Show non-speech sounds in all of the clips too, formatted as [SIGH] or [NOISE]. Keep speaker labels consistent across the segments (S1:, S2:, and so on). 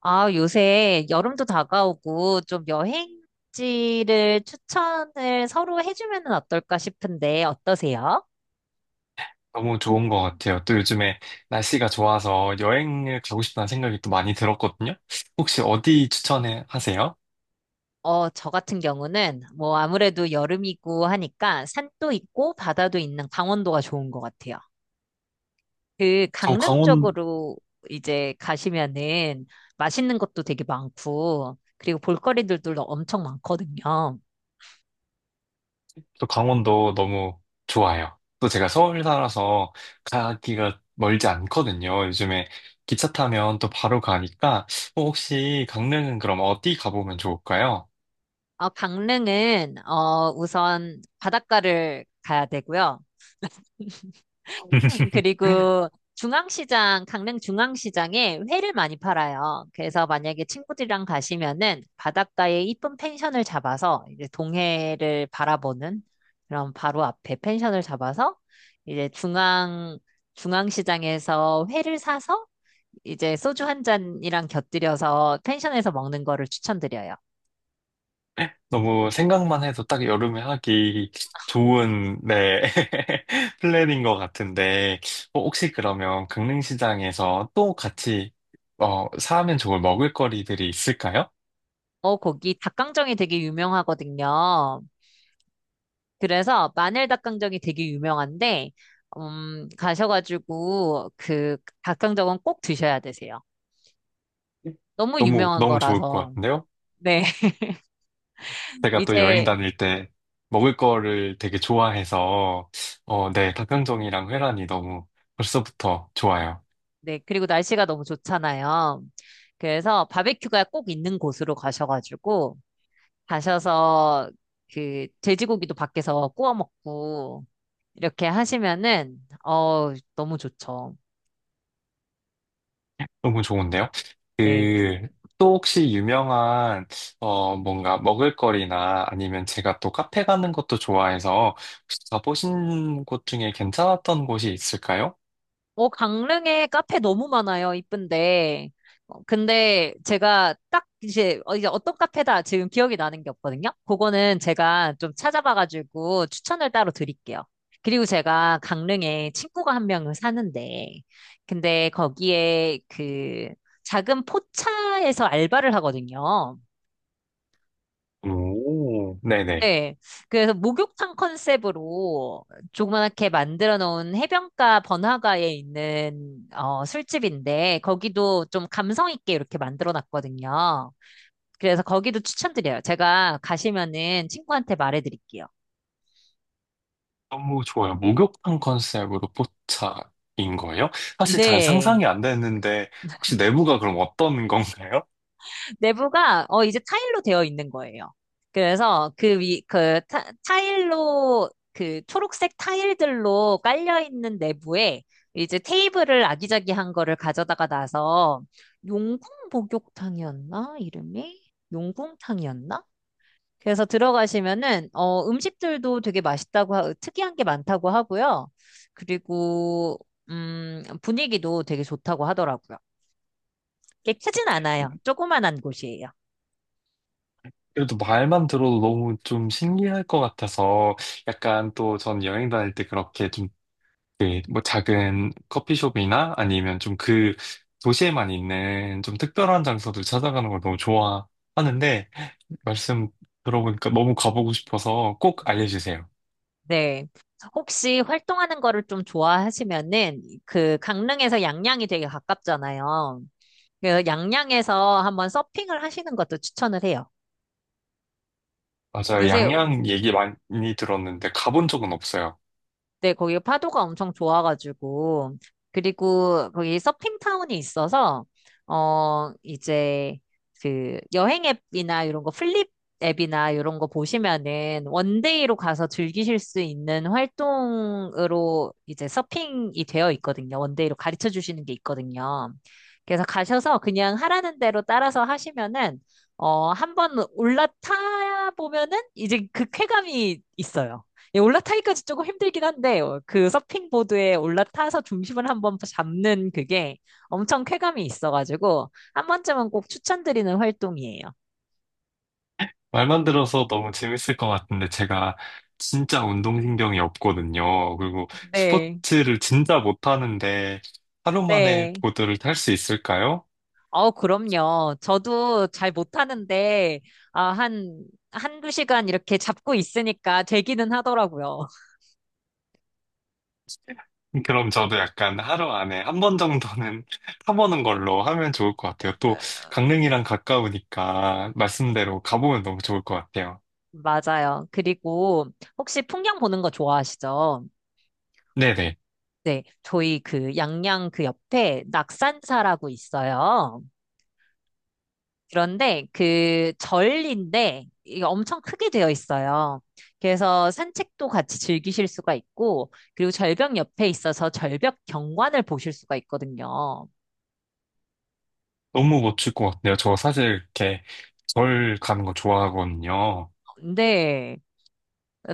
S1: 아, 요새 여름도 다가오고 좀 여행지를 추천을 서로 해주면 은 어떨까 싶은데 어떠세요?
S2: 너무 좋은 것 같아요. 또 요즘에 날씨가 좋아서 여행을 가고 싶다는 생각이 또 많이 들었거든요. 혹시 어디 추천해 하세요?
S1: 저 같은 경우는 뭐 아무래도 여름이고 하니까 산도 있고 바다도 있는 강원도가 좋은 것 같아요. 그
S2: 저
S1: 강릉
S2: 강원,
S1: 쪽으로 이제 가시면은 맛있는 것도 되게 많고 그리고 볼거리들도 엄청 많거든요.
S2: 저 강원도 너무 좋아요. 또 제가 서울 살아서 가기가 멀지 않거든요. 요즘에 기차 타면 또 바로 가니까 혹시 강릉은 그럼 어디 가보면 좋을까요?
S1: 강릉은 우선 바닷가를 가야 되고요.
S2: [LAUGHS]
S1: 그리고 강릉 중앙시장에 회를 많이 팔아요. 그래서 만약에 친구들이랑 가시면은 바닷가에 이쁜 펜션을 잡아서 이제 동해를 바라보는 그런 바로 앞에 펜션을 잡아서 이제 중앙시장에서 회를 사서 이제 소주 한 잔이랑 곁들여서 펜션에서 먹는 거를 추천드려요.
S2: 너무 생각만 해도 딱 여름에 하기 좋은, 네, [LAUGHS] 플랜인 것 같은데, 혹시 그러면 강릉시장에서 또 같이, 사면 좋을 먹을거리들이 있을까요?
S1: 거기 닭강정이 되게 유명하거든요. 그래서 마늘 닭강정이 되게 유명한데, 가셔가지고 그 닭강정은 꼭 드셔야 되세요. 너무
S2: 너무,
S1: 유명한
S2: 너무 좋을 것
S1: 거라서.
S2: 같은데요?
S1: 네, [LAUGHS]
S2: 제가 또 여행
S1: 이제,
S2: 다닐 때 먹을 거를 되게 좋아해서, 어, 네, 닭강정이랑 회란이 너무 벌써부터 좋아요.
S1: 네, 그리고 날씨가 너무 좋잖아요. 그래서 바베큐가 꼭 있는 곳으로 가셔가지고, 가셔서 그 돼지고기도 밖에서 구워 먹고, 이렇게 하시면은, 너무 좋죠.
S2: 너무 좋은데요?
S1: 네.
S2: 그, 또 혹시 유명한, 뭔가 먹을거리나 아니면 제가 또 카페 가는 것도 좋아해서 혹시 가보신 곳 중에 괜찮았던 곳이 있을까요?
S1: 강릉에 카페 너무 많아요. 이쁜데. 근데 제가 딱 이제 어떤 카페다 지금 기억이 나는 게 없거든요. 그거는 제가 좀 찾아봐가지고 추천을 따로 드릴게요. 그리고 제가 강릉에 친구가 한 명을 사는데, 근데 거기에 그 작은 포차에서 알바를 하거든요.
S2: 오, 네네.
S1: 네. 그래서 목욕탕 컨셉으로 조그맣게 만들어 놓은 해변가 번화가에 있는 술집인데 거기도 좀 감성 있게 이렇게 만들어 놨거든요. 그래서 거기도 추천드려요. 제가 가시면은 친구한테 말해 드릴게요.
S2: 너무 좋아요. 목욕탕 컨셉으로 포차인 거예요? 사실 잘
S1: 네.
S2: 상상이 안 됐는데 혹시 내부가 그럼 어떤 건가요?
S1: 내부가 이제 타일로 되어 있는 거예요. 그래서 타일로 그 초록색 타일들로 깔려 있는 내부에 이제 테이블을 아기자기한 거를 가져다가 놔서 용궁 목욕탕이었나? 이름이? 용궁탕이었나? 그래서 들어가시면은 음식들도 되게 맛있다고 특이한 게 많다고 하고요. 그리고 분위기도 되게 좋다고 하더라고요. 꽤 크진 않아요. 조그만한 곳이에요.
S2: 그래도 말만 들어도 너무 좀 신기할 것 같아서 약간 또 전 여행 다닐 때 그렇게 좀 그, 뭐 작은 커피숍이나 아니면 좀 그 도시에만 있는 좀 특별한 장소들 찾아가는 걸 너무 좋아하는데 말씀 들어보니까 너무 가보고 싶어서 꼭 알려주세요.
S1: 네. 혹시 활동하는 거를 좀 좋아하시면은 그 강릉에서 양양이 되게 가깝잖아요. 그래서 양양에서 한번 서핑을 하시는 것도 추천을 해요.
S2: 맞아요.
S1: 요새
S2: 양양 얘기 많이 들었는데 가본 적은 없어요.
S1: 네, 거기 파도가 엄청 좋아가지고. 그리고 거기 서핑타운이 있어서, 이제 그 여행 앱이나 이런 거 플립 앱이나 이런 거 보시면은 원데이로 가서 즐기실 수 있는 활동으로 이제 서핑이 되어 있거든요. 원데이로 가르쳐 주시는 게 있거든요. 그래서 가셔서 그냥 하라는 대로 따라서 하시면은, 한번 올라타 보면은 이제 그 쾌감이 있어요. 예, 올라타기까지 조금 힘들긴 한데 그 서핑 보드에 올라타서 중심을 한번 잡는 그게 엄청 쾌감이 있어가지고 한 번쯤은 꼭 추천드리는 활동이에요.
S2: 말만 들어서 너무 재밌을 것 같은데 제가 진짜 운동신경이 없거든요. 그리고
S1: 네,
S2: 스포츠를 진짜 못하는데 하루 만에
S1: 네.
S2: 보드를 탈 수 있을까요?
S1: 그럼요. 저도 잘 못하는데 아, 한 한두 시간 이렇게 잡고 있으니까 되기는 하더라고요. [LAUGHS]
S2: 그럼 저도 약간 하루 안에 한 번 정도는 [LAUGHS] 타보는 걸로 하면 좋을 것 같아요.
S1: 네,
S2: 또
S1: 네.
S2: 강릉이랑 가까우니까 말씀대로 가보면 너무 좋을 것 같아요.
S1: 맞아요. 그리고 혹시 풍경 보는 거 좋아하시죠?
S2: 네네.
S1: 네, 저희 그 양양 그 옆에 낙산사라고 있어요. 그런데 그 절인데 이게 엄청 크게 되어 있어요. 그래서 산책도 같이 즐기실 수가 있고, 그리고 절벽 옆에 있어서 절벽 경관을 보실 수가 있거든요.
S2: 너무 멋질 것 같아요. 저 사실 이렇게 절 가는 거 좋아하거든요.
S1: 근데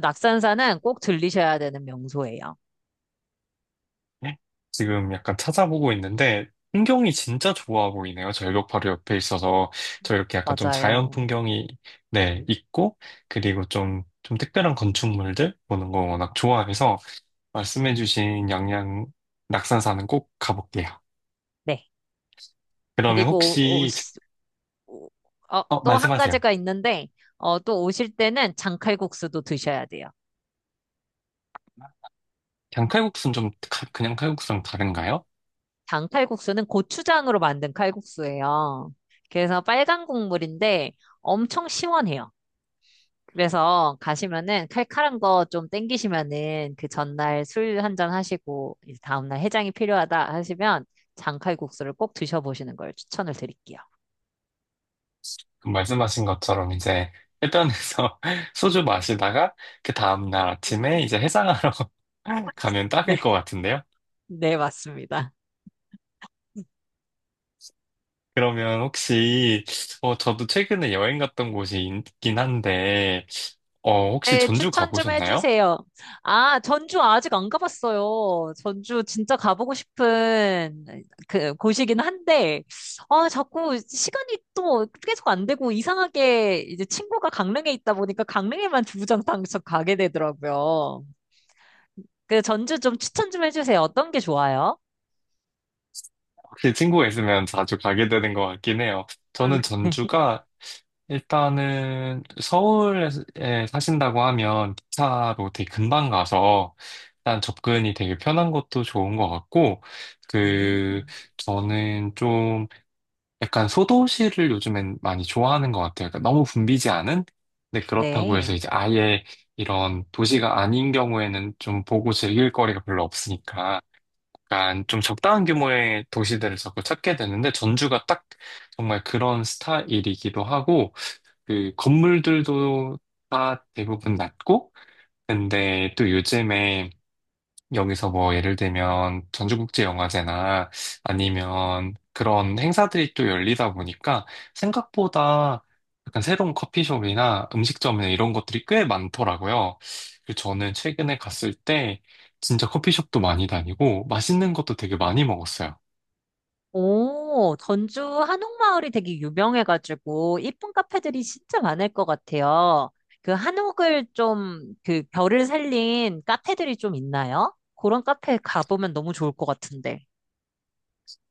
S1: 낙산사는 꼭 들리셔야 되는 명소예요.
S2: 네? 지금 약간 찾아보고 있는데 풍경이 진짜 좋아 보이네요. 절벽 바로 옆에 있어서 저 이렇게 약간 좀 자연
S1: 맞아요.
S2: 풍경이 네, 있고 그리고 좀 특별한 건축물들 보는 거 워낙 좋아해서 말씀해주신 양양 낙산사는 꼭 가볼게요.
S1: 네.
S2: 그러면
S1: 그리고 오, 오,
S2: 혹시,
S1: 시- 오- 어, 또 한
S2: 말씀하세요.
S1: 가지가 있는데, 또 오실 때는 장칼국수도 드셔야 돼요.
S2: 그냥 칼국수는 좀, 가- 그냥 칼국수랑 다른가요?
S1: 장 칼국수는 고추장으로 만든 칼국수예요. 그래서 빨간 국물인데 엄청 시원해요. 그래서 가시면은 칼칼한 거 좀 땡기시면은 그 전날 술 한 잔 하시고 이제 다음날 해장이 필요하다 하시면 장칼국수를 꼭 드셔보시는 걸 추천을 드릴게요.
S2: 그 말씀하신 것처럼 이제 해변에서 [LAUGHS] 소주 마시다가 그 다음날 아침에 이제 해상하러 [LAUGHS] 가면
S1: 네,
S2: 딱일 것
S1: [LAUGHS]
S2: 같은데요?
S1: 네, 맞습니다.
S2: 그러면 혹시, 저도 최근에 여행 갔던 곳이 있긴 한데, 혹시
S1: 네,
S2: 전주
S1: 추천 좀
S2: 가보셨나요?
S1: 해주세요. 아, 전주 아직 안 가봤어요. 전주 진짜 가보고 싶은 그 곳이긴 한데, 아, 자꾸 시간이 또 계속 안 되고 이상하게 이제 친구가 강릉에 있다 보니까 강릉에만 주구장창 가게 되더라고요. 그 전주 좀 추천 좀 해주세요. 어떤 게 좋아요?
S2: 혹시 친구가 있으면 자주 가게 되는 것 같긴 해요.
S1: 음,
S2: 저는 전주가 일단은 서울에 사신다고 하면 기차로 되게 금방 가서 일단 접근이 되게 편한 것도 좋은 것 같고, 그
S1: 음,
S2: 저는 좀 약간 소도시를 요즘엔 많이 좋아하는 것 같아요. 그러니까 너무 붐비지 않은? 근데 그렇다고 해서
S1: 네.
S2: 이제 아예 이런 도시가 아닌 경우에는 좀 보고 즐길 거리가 별로 없으니까 약간 좀 적당한 규모의 도시들을 자꾸 찾게 되는데 전주가 딱 정말 그런 스타일이기도 하고 그 건물들도 다 대부분 낮고, 근데 또 요즘에 여기서 뭐 예를 들면 전주국제영화제나 아니면 그런 행사들이 또 열리다 보니까 생각보다 약간 새로운 커피숍이나 음식점이나 이런 것들이 꽤 많더라고요. 그래서 저는 최근에 갔을 때 진짜 커피숍도 많이 다니고 맛있는 것도 되게 많이 먹었어요.
S1: 오, 전주 한옥마을이 되게 유명해가지고 이쁜 카페들이 진짜 많을 것 같아요. 그 한옥을 좀 그 결을 살린 카페들이 좀 있나요? 그런 카페 가보면 너무 좋을 것 같은데.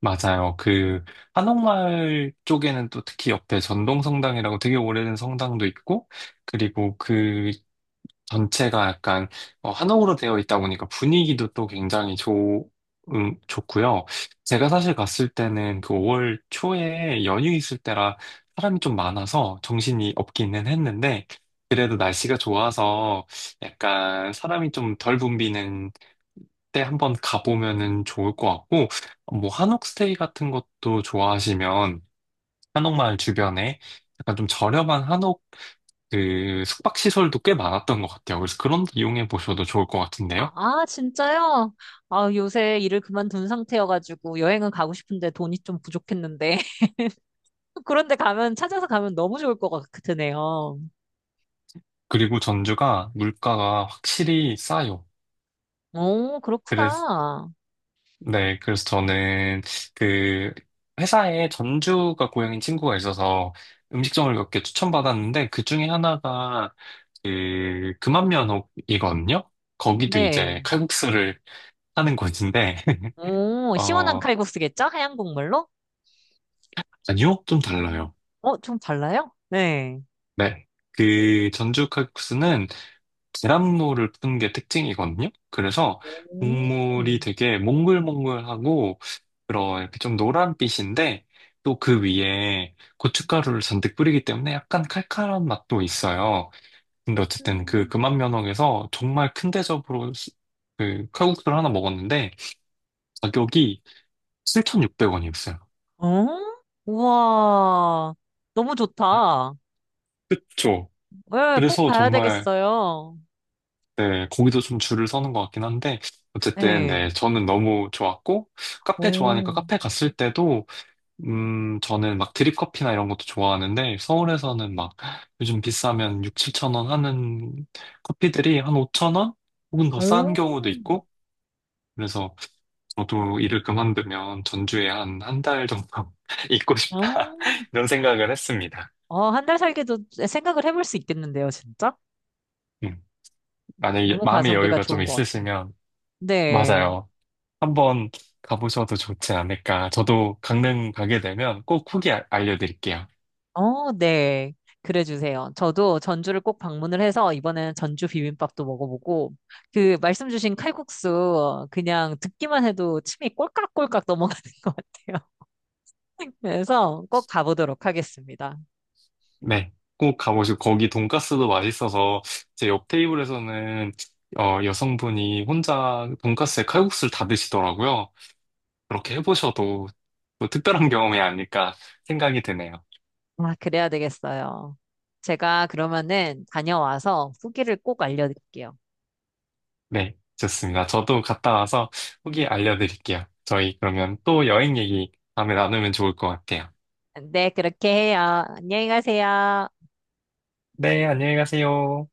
S2: 맞아요. 그 한옥마을 쪽에는 또 특히 옆에 전동성당이라고 되게 오래된 성당도 있고 그리고 그 전체가 약간 어, 한옥으로 되어 있다 보니까 분위기도 또 굉장히 좋, 좋고요. 제가 사실 갔을 때는 그 5월 초에 연휴 있을 때라 사람이 좀 많아서 정신이 없기는 했는데 그래도 날씨가 좋아서 약간 사람이 좀 덜 붐비는 때 한번 가보면은 좋을 것 같고 뭐 한옥 스테이 같은 것도 좋아하시면 한옥마을 주변에 약간 좀 저렴한 그 숙박시설도 꽤 많았던 것 같아요. 그래서 그런 데 이용해 보셔도 좋을 것
S1: 아,
S2: 같은데요.
S1: 아, 진짜요? 아, 요새 일을 그만둔 상태여가지고 여행은 가고 싶은데 돈이 좀 부족했는데. [LAUGHS] 그런데 찾아서 가면 너무 좋을 것 같으네요.
S2: 그리고 전주가 물가가 확실히 싸요.
S1: 오,
S2: 그래서,
S1: 그렇구나.
S2: 네, 그래서 저는 그 회사에 전주가 고향인 친구가 있어서 음식점을 몇 개 추천받았는데 그 중에 하나가 그 금암면옥이거든요. 거기도
S1: 네.
S2: 이제 칼국수를 하는 곳인데, [LAUGHS]
S1: 오, 시원한
S2: 어,
S1: 칼국수겠죠? 하얀 국물로?
S2: 아니요? 좀 달라요.
S1: 좀 달라요? 네.
S2: 네. 그 전주 칼국수는 계란물을 푼 게 특징이거든요. 그래서 국물이
S1: 오.
S2: 되게 몽글몽글하고 그런 이렇게 좀 노란빛인데 또 그 위에 고춧가루를 잔뜩 뿌리기 때문에 약간 칼칼한 맛도 있어요. 근데 어쨌든 그
S1: 음.
S2: 금암면옥에서 정말 큰 대접으로 수- 그 칼국수를 하나 먹었는데 가격이 7,600원이었어요.
S1: 어? 우와. 너무 좋다.
S2: 그쵸.
S1: 네, 꼭
S2: 그래서
S1: 가야
S2: 정말
S1: 되겠어요.
S2: 네, 거기도 좀 줄을 서는 것 같긴 한데, 어쨌든,
S1: 네.
S2: 네, 저는 너무 좋았고, 카페 좋아하니까
S1: 오.
S2: 카페 갔을 때도, 저는 막 드립커피나 이런 것도 좋아하는데, 서울에서는 막 요즘 비싸면 6, 7천 원 하는 커피들이 한 5천 원? 혹은 더
S1: 오.
S2: 싼 경우도 있고, 그래서 저도 일을 그만두면 전주에 한 한 달 정도 [LAUGHS] 있고 싶다.
S1: 어,
S2: [LAUGHS] 이런 생각을 했습니다.
S1: 한 달 살기도 생각을 해볼 수 있겠는데요, 진짜?
S2: 음, 만약에
S1: 너무
S2: 마음의
S1: 가성비가
S2: 여유가 좀
S1: 좋은 것 같아요.
S2: 있으시면,
S1: 네.
S2: 맞아요. 한번 가보셔도 좋지 않을까. 저도 강릉 가게 되면 꼭 후기 알려드릴게요.
S1: 네. 그래 주세요. 저도 전주를 꼭 방문을 해서 이번에는 전주 비빔밥도 먹어보고 그 말씀 주신 칼국수 그냥 듣기만 해도 침이 꼴깍꼴깍 넘어가는 [LAUGHS] 것 같아요. 그래서 꼭 가보도록 하겠습니다.
S2: 네. 꼭 가보시고, 거기 돈가스도 맛있어서, 제 옆 테이블에서는 어, 여성분이 혼자 돈가스에 칼국수를 다 드시더라고요. 그렇게 해보셔도 뭐 특별한 경험이 아닐까 생각이 드네요.
S1: 아, 그래야 되겠어요. 제가 그러면은 다녀와서 후기를 꼭 알려드릴게요.
S2: 네, 좋습니다. 저도 갔다 와서 후기 알려드릴게요. 저희 그러면 또 여행 얘기 다음에 나누면 좋을 것 같아요.
S1: 네, 그렇게 해요. 안녕히 가세요.
S2: 네, 안녕히 가세요.